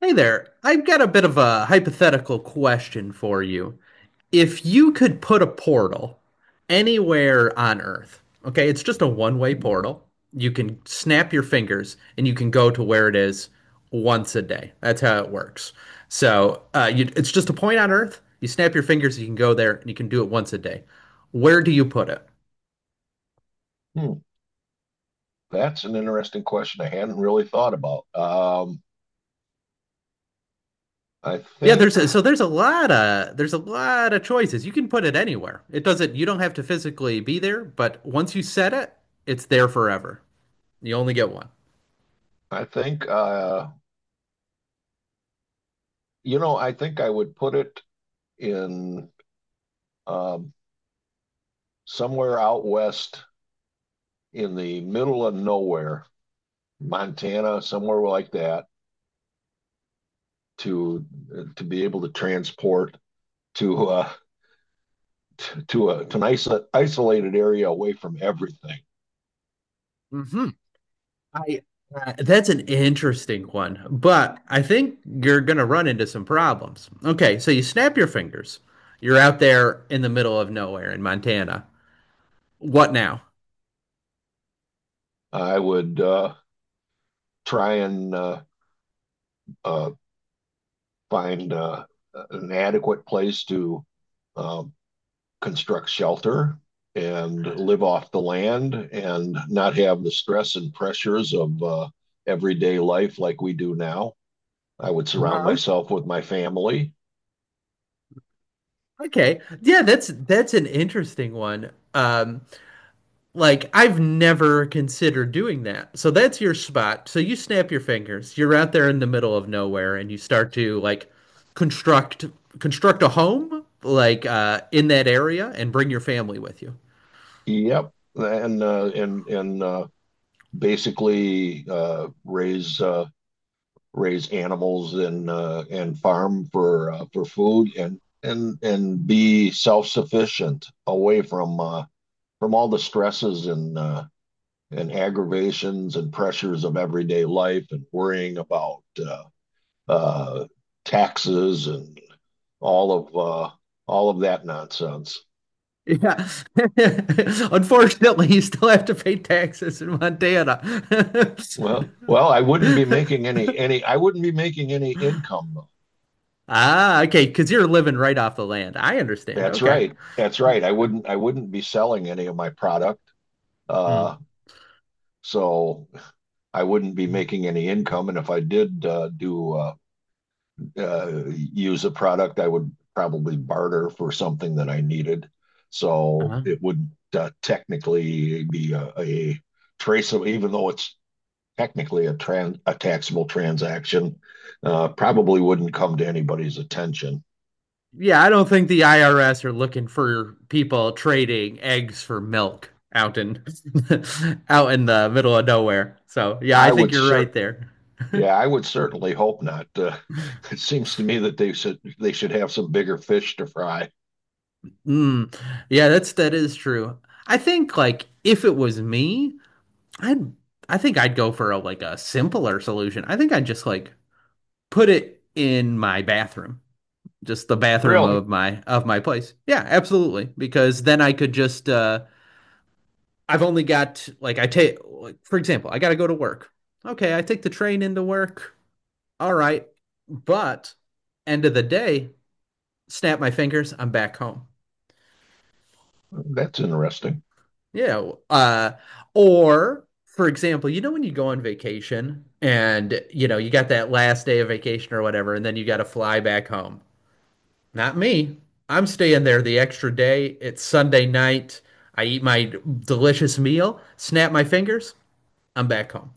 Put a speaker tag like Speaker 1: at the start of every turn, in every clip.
Speaker 1: Hey there. I've got a bit of a hypothetical question for you. If you could put a portal anywhere on Earth, okay, it's just a one-way portal. You can snap your fingers and you can go to where it is once a day. That's how it works. So, it's just a point on Earth. You snap your fingers, you can go there, and you can do it once a day. Where do you put it?
Speaker 2: Hmm, that's an interesting question I hadn't really thought about. I
Speaker 1: Yeah,
Speaker 2: think,
Speaker 1: so there's a lot of choices. You can put it anywhere. It doesn't You don't have to physically be there, but once you set it, it's there forever. You only get one.
Speaker 2: I think, you know, I think I would put it in um, somewhere out west in the middle of nowhere, Montana, somewhere like that, to to be able to transport to t- to a to an isolated area away from everything.
Speaker 1: Hmm. I that's an interesting one, but I think you're gonna run into some problems. Okay, so you snap your fingers. You're out there in the middle of nowhere in Montana. What now?
Speaker 2: I would try and uh, find an adequate place to uh, construct shelter and live off the land and not have the stress and pressures of everyday life like we do now. I would surround
Speaker 1: Uh,
Speaker 2: myself with my family.
Speaker 1: okay, yeah, that's an interesting one. Like I've never considered doing that. So that's your spot. So you snap your fingers. You're out there in the middle of nowhere and you start to like construct construct a home like in that area and bring your family with you.
Speaker 2: Yep, and basically raise animals and farm for food and be self-sufficient away from all the stresses and aggravations and pressures of everyday life and worrying about uh, taxes and all of uh, all of that nonsense.
Speaker 1: Yeah. Unfortunately, you still have to pay taxes in Montana.
Speaker 2: Well, I wouldn't be making any I wouldn't be making any income though.
Speaker 1: Ah, okay, because you're living right off the land. I understand.
Speaker 2: That's
Speaker 1: Okay.
Speaker 2: right. That's right. I wouldn't be selling any of my product.
Speaker 1: Mm.
Speaker 2: Uh, so I wouldn't be making any income. And if I did do use a product, I would probably barter for something that I needed. So
Speaker 1: Uh-huh.
Speaker 2: it wouldn't technically be a traceable, even though it's technically a taxable transaction, probably wouldn't come to anybody's attention.
Speaker 1: Yeah, I don't think the IRS are looking for people trading eggs for milk out in out in the middle of nowhere. So yeah, I
Speaker 2: I
Speaker 1: think
Speaker 2: would
Speaker 1: you're right
Speaker 2: cer-
Speaker 1: there.
Speaker 2: yeah, I would certainly hope not. It seems to me that they should have some bigger fish to fry.
Speaker 1: Mm. Yeah, that is true. I think like if it was me, I'd I think I'd go for a like a simpler solution. I think I'd just like put it in my bathroom. Just the bathroom
Speaker 2: Really?
Speaker 1: of my place. Yeah, absolutely. Because then I could just I take like for example, I got to go to work. Okay, I take the train into work. All right. But end of the day, snap my fingers, I'm back home.
Speaker 2: That's interesting.
Speaker 1: Yeah, or for example, you know when you go on vacation and you know you got that last day of vacation or whatever and then you got to fly back home. Not me. I'm staying there the extra day. It's Sunday night. I eat my delicious meal, snap my fingers, I'm back home.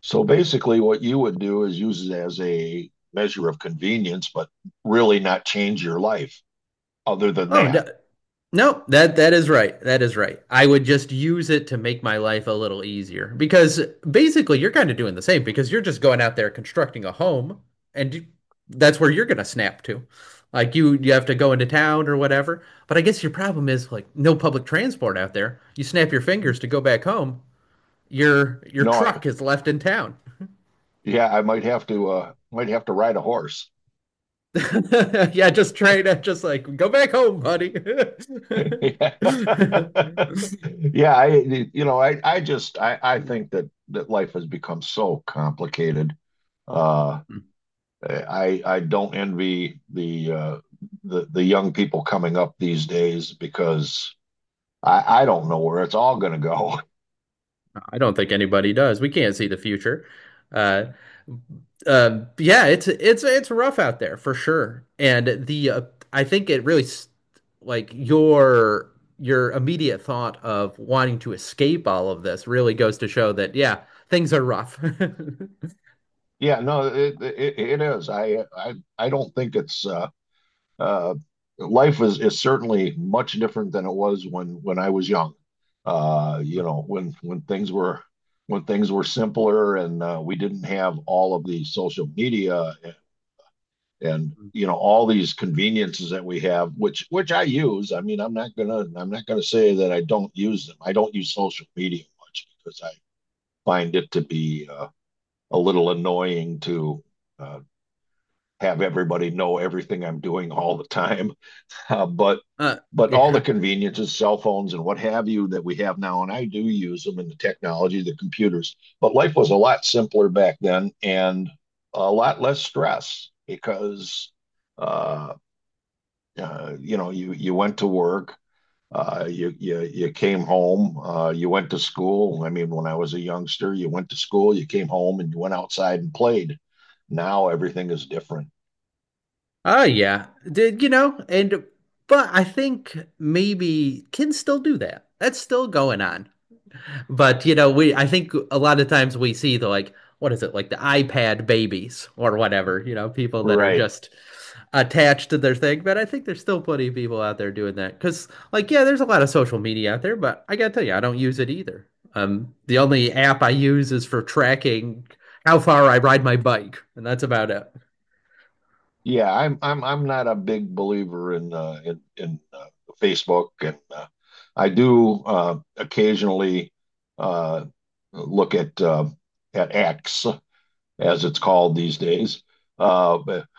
Speaker 2: So basically, what you would do is use it as a measure of convenience, but really not change your life other than
Speaker 1: Oh, no,
Speaker 2: that.
Speaker 1: no, that is right. That is right. I would just use it to make my life a little easier because basically you're kind of doing the same because you're just going out there constructing a home and you- that's where you're going to snap to. Like you have to go into town or whatever. But I guess your problem is like no public transport out there. You snap your fingers to go back home. Your
Speaker 2: No, I,
Speaker 1: truck is left in town.
Speaker 2: yeah, I might have to ride a horse.
Speaker 1: Yeah, just try to just like go back home, buddy.
Speaker 2: Yeah, I you know, I just I think that that life has become so complicated. Uh I don't envy the the the young people coming up these days because I don't know where it's all going to go.
Speaker 1: I don't think anybody does. We can't see the future. Uh, yeah, it's it's rough out there for sure. And the I think like your immediate thought of wanting to escape all of this really goes to show that yeah, things are rough.
Speaker 2: Yeah, no, it it is. I don't think it's uh life is certainly much different than it was when I was young. You know, when things were simpler and we didn't have all of the social media and you know all these conveniences that we have, which I use. I mean, I'm not gonna say that I don't use them. I don't use social media much because I find it to be a little annoying to. Uh, have everybody know everything I'm doing all the time. Uh, but
Speaker 1: Uh,
Speaker 2: but all the
Speaker 1: yeah.
Speaker 2: conveniences, cell phones and what have you that we have now, and I do use them in the technology, the computers. But life was a lot simpler back then and a lot less stress because uh, you know you you went to work, you came home, you went to school. I mean, when I was a youngster, you went to school, you came home, and you went outside and played. Now everything is different.
Speaker 1: Oh, yeah. Did you know? And but I think maybe kids still do that. That's still going on. But you know, we I think a lot of times we see the like what is it like the iPad babies or whatever, you know, people that are
Speaker 2: Right.
Speaker 1: just attached to their thing. But I think there's still plenty of people out there doing that because like yeah, there's a lot of social media out there, but I gotta tell you, I don't use it either. The only app I use is for tracking how far I ride my bike, and that's about it.
Speaker 2: Yeah, I'm not a big believer in Facebook, and I do occasionally uh, look at X as it's called these days, uh, but-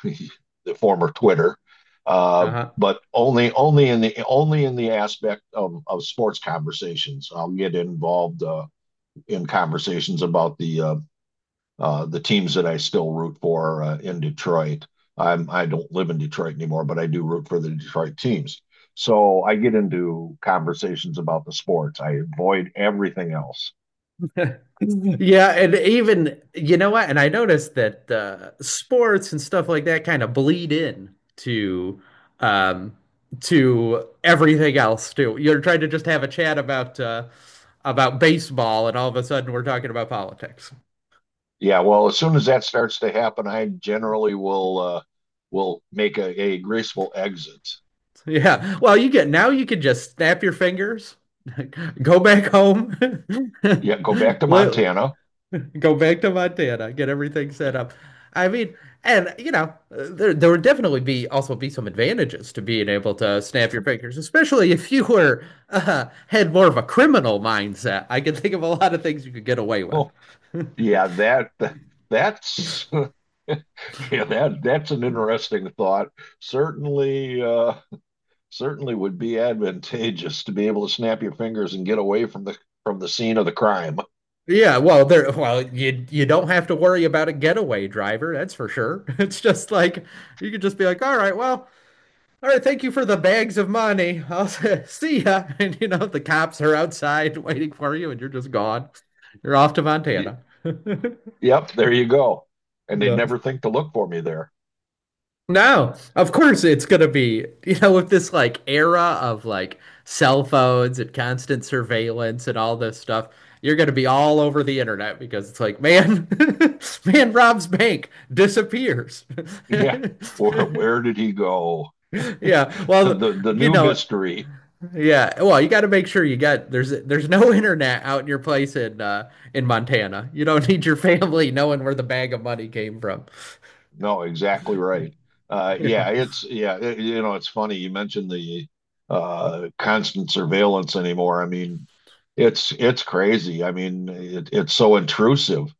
Speaker 2: the former Twitter, uh,
Speaker 1: Uh-huh.
Speaker 2: but only in the aspect of sports conversations. I'll get involved in conversations about the teams that I still root for in Detroit. I don't live in Detroit anymore, but I do root for the Detroit teams. So I get into conversations about the sports. I avoid everything else.
Speaker 1: Yeah, and even you know what? And I noticed that sports and stuff like that kind of bleed in um, to everything else too. You're trying to just have a chat about baseball, and all of a sudden we're talking about politics.
Speaker 2: Yeah, well, as soon as that starts to happen, I generally will make a graceful exit.
Speaker 1: Yeah. Well, you get now you can just snap your fingers, go back home,
Speaker 2: Yeah, go back to
Speaker 1: li-
Speaker 2: Montana.
Speaker 1: go back to Montana, get everything set up. I mean, and you know, there would definitely be also be some advantages to being able to snap your fingers, especially if you were had more of a criminal mindset. I can think of a lot of things you could get away with.
Speaker 2: Oh, yeah, that's yeah, that's an interesting thought. Certainly, certainly would be advantageous to be able to snap your fingers and get away from the scene of the crime.
Speaker 1: Yeah, well, you don't have to worry about a getaway driver, that's for sure. It's just like you could just be like, all right, well, all right, thank you for the bags of money. I'll see ya. And you know, the cops are outside waiting for you, and you're just gone. You're off to Montana. Yeah.
Speaker 2: Yep, there you go. And they'd never think to look for me there.
Speaker 1: No, of course it's gonna be, you know, with this like era of like cell phones and constant surveillance and all this stuff, you're gonna be all over the internet because it's like, man, man robs bank, disappears.
Speaker 2: Yeah. Where did he go?
Speaker 1: Yeah, well,
Speaker 2: The
Speaker 1: you
Speaker 2: new
Speaker 1: know,
Speaker 2: mystery.
Speaker 1: yeah, well, you got to make sure you got there's no internet out in your place in Montana. You don't need your family knowing where the bag of money came from.
Speaker 2: No, exactly right.
Speaker 1: Yeah.
Speaker 2: Yeah, it's yeah, you know, it's funny you mentioned the constant surveillance anymore. I mean, it's crazy. I mean, it's so intrusive.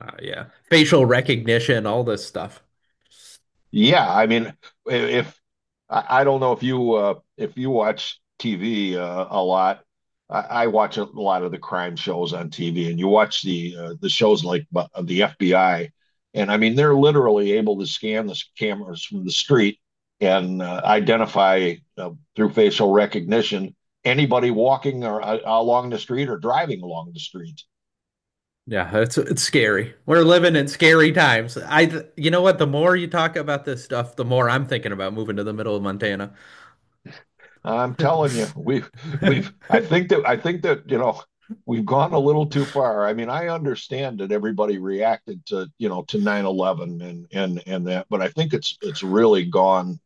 Speaker 1: Yeah. Facial recognition, all this stuff.
Speaker 2: Yeah, I mean, I- if I don't know if you watch TV a lot, I watch a lot of the crime shows on TV, and you watch the shows of the FBI, and I mean they're literally able to scan the cameras from the street and identify through facial recognition anybody walking or along the street or driving along the street.
Speaker 1: Yeah, it's scary. We're living in scary times. I you know what, the more you talk about this stuff, the more I'm thinking about moving to the middle of Montana.
Speaker 2: I'm telling you, we've I think that, you know, we've gone a little too far. I mean, I understand that everybody reacted to, you know, to 9/11 and that, but I think it's really gone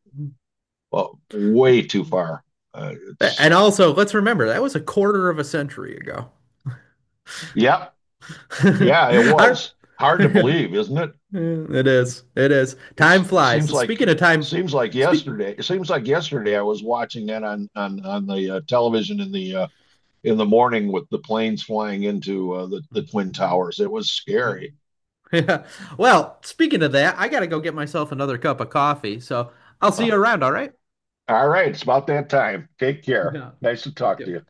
Speaker 2: uh, way too far.
Speaker 1: And
Speaker 2: It's
Speaker 1: also, let's remember that was a quarter of a century ago.
Speaker 2: yep, yeah, it
Speaker 1: I
Speaker 2: was hard to believe, isn't it?
Speaker 1: Mm, it is. It is.
Speaker 2: It's
Speaker 1: Time
Speaker 2: it
Speaker 1: flies. And speaking of time,
Speaker 2: seems like
Speaker 1: speak.
Speaker 2: yesterday. It seems like yesterday I was watching that on the television in the morning with the planes flying into the Twin Towers. It was scary.
Speaker 1: Yeah. Well, speaking of that, I gotta go get myself another cup of coffee. So I'll see
Speaker 2: Uh,
Speaker 1: you around, all right?
Speaker 2: all right, it's about that time. Take care.
Speaker 1: Yeah,
Speaker 2: Nice to
Speaker 1: you
Speaker 2: talk to
Speaker 1: too.
Speaker 2: you.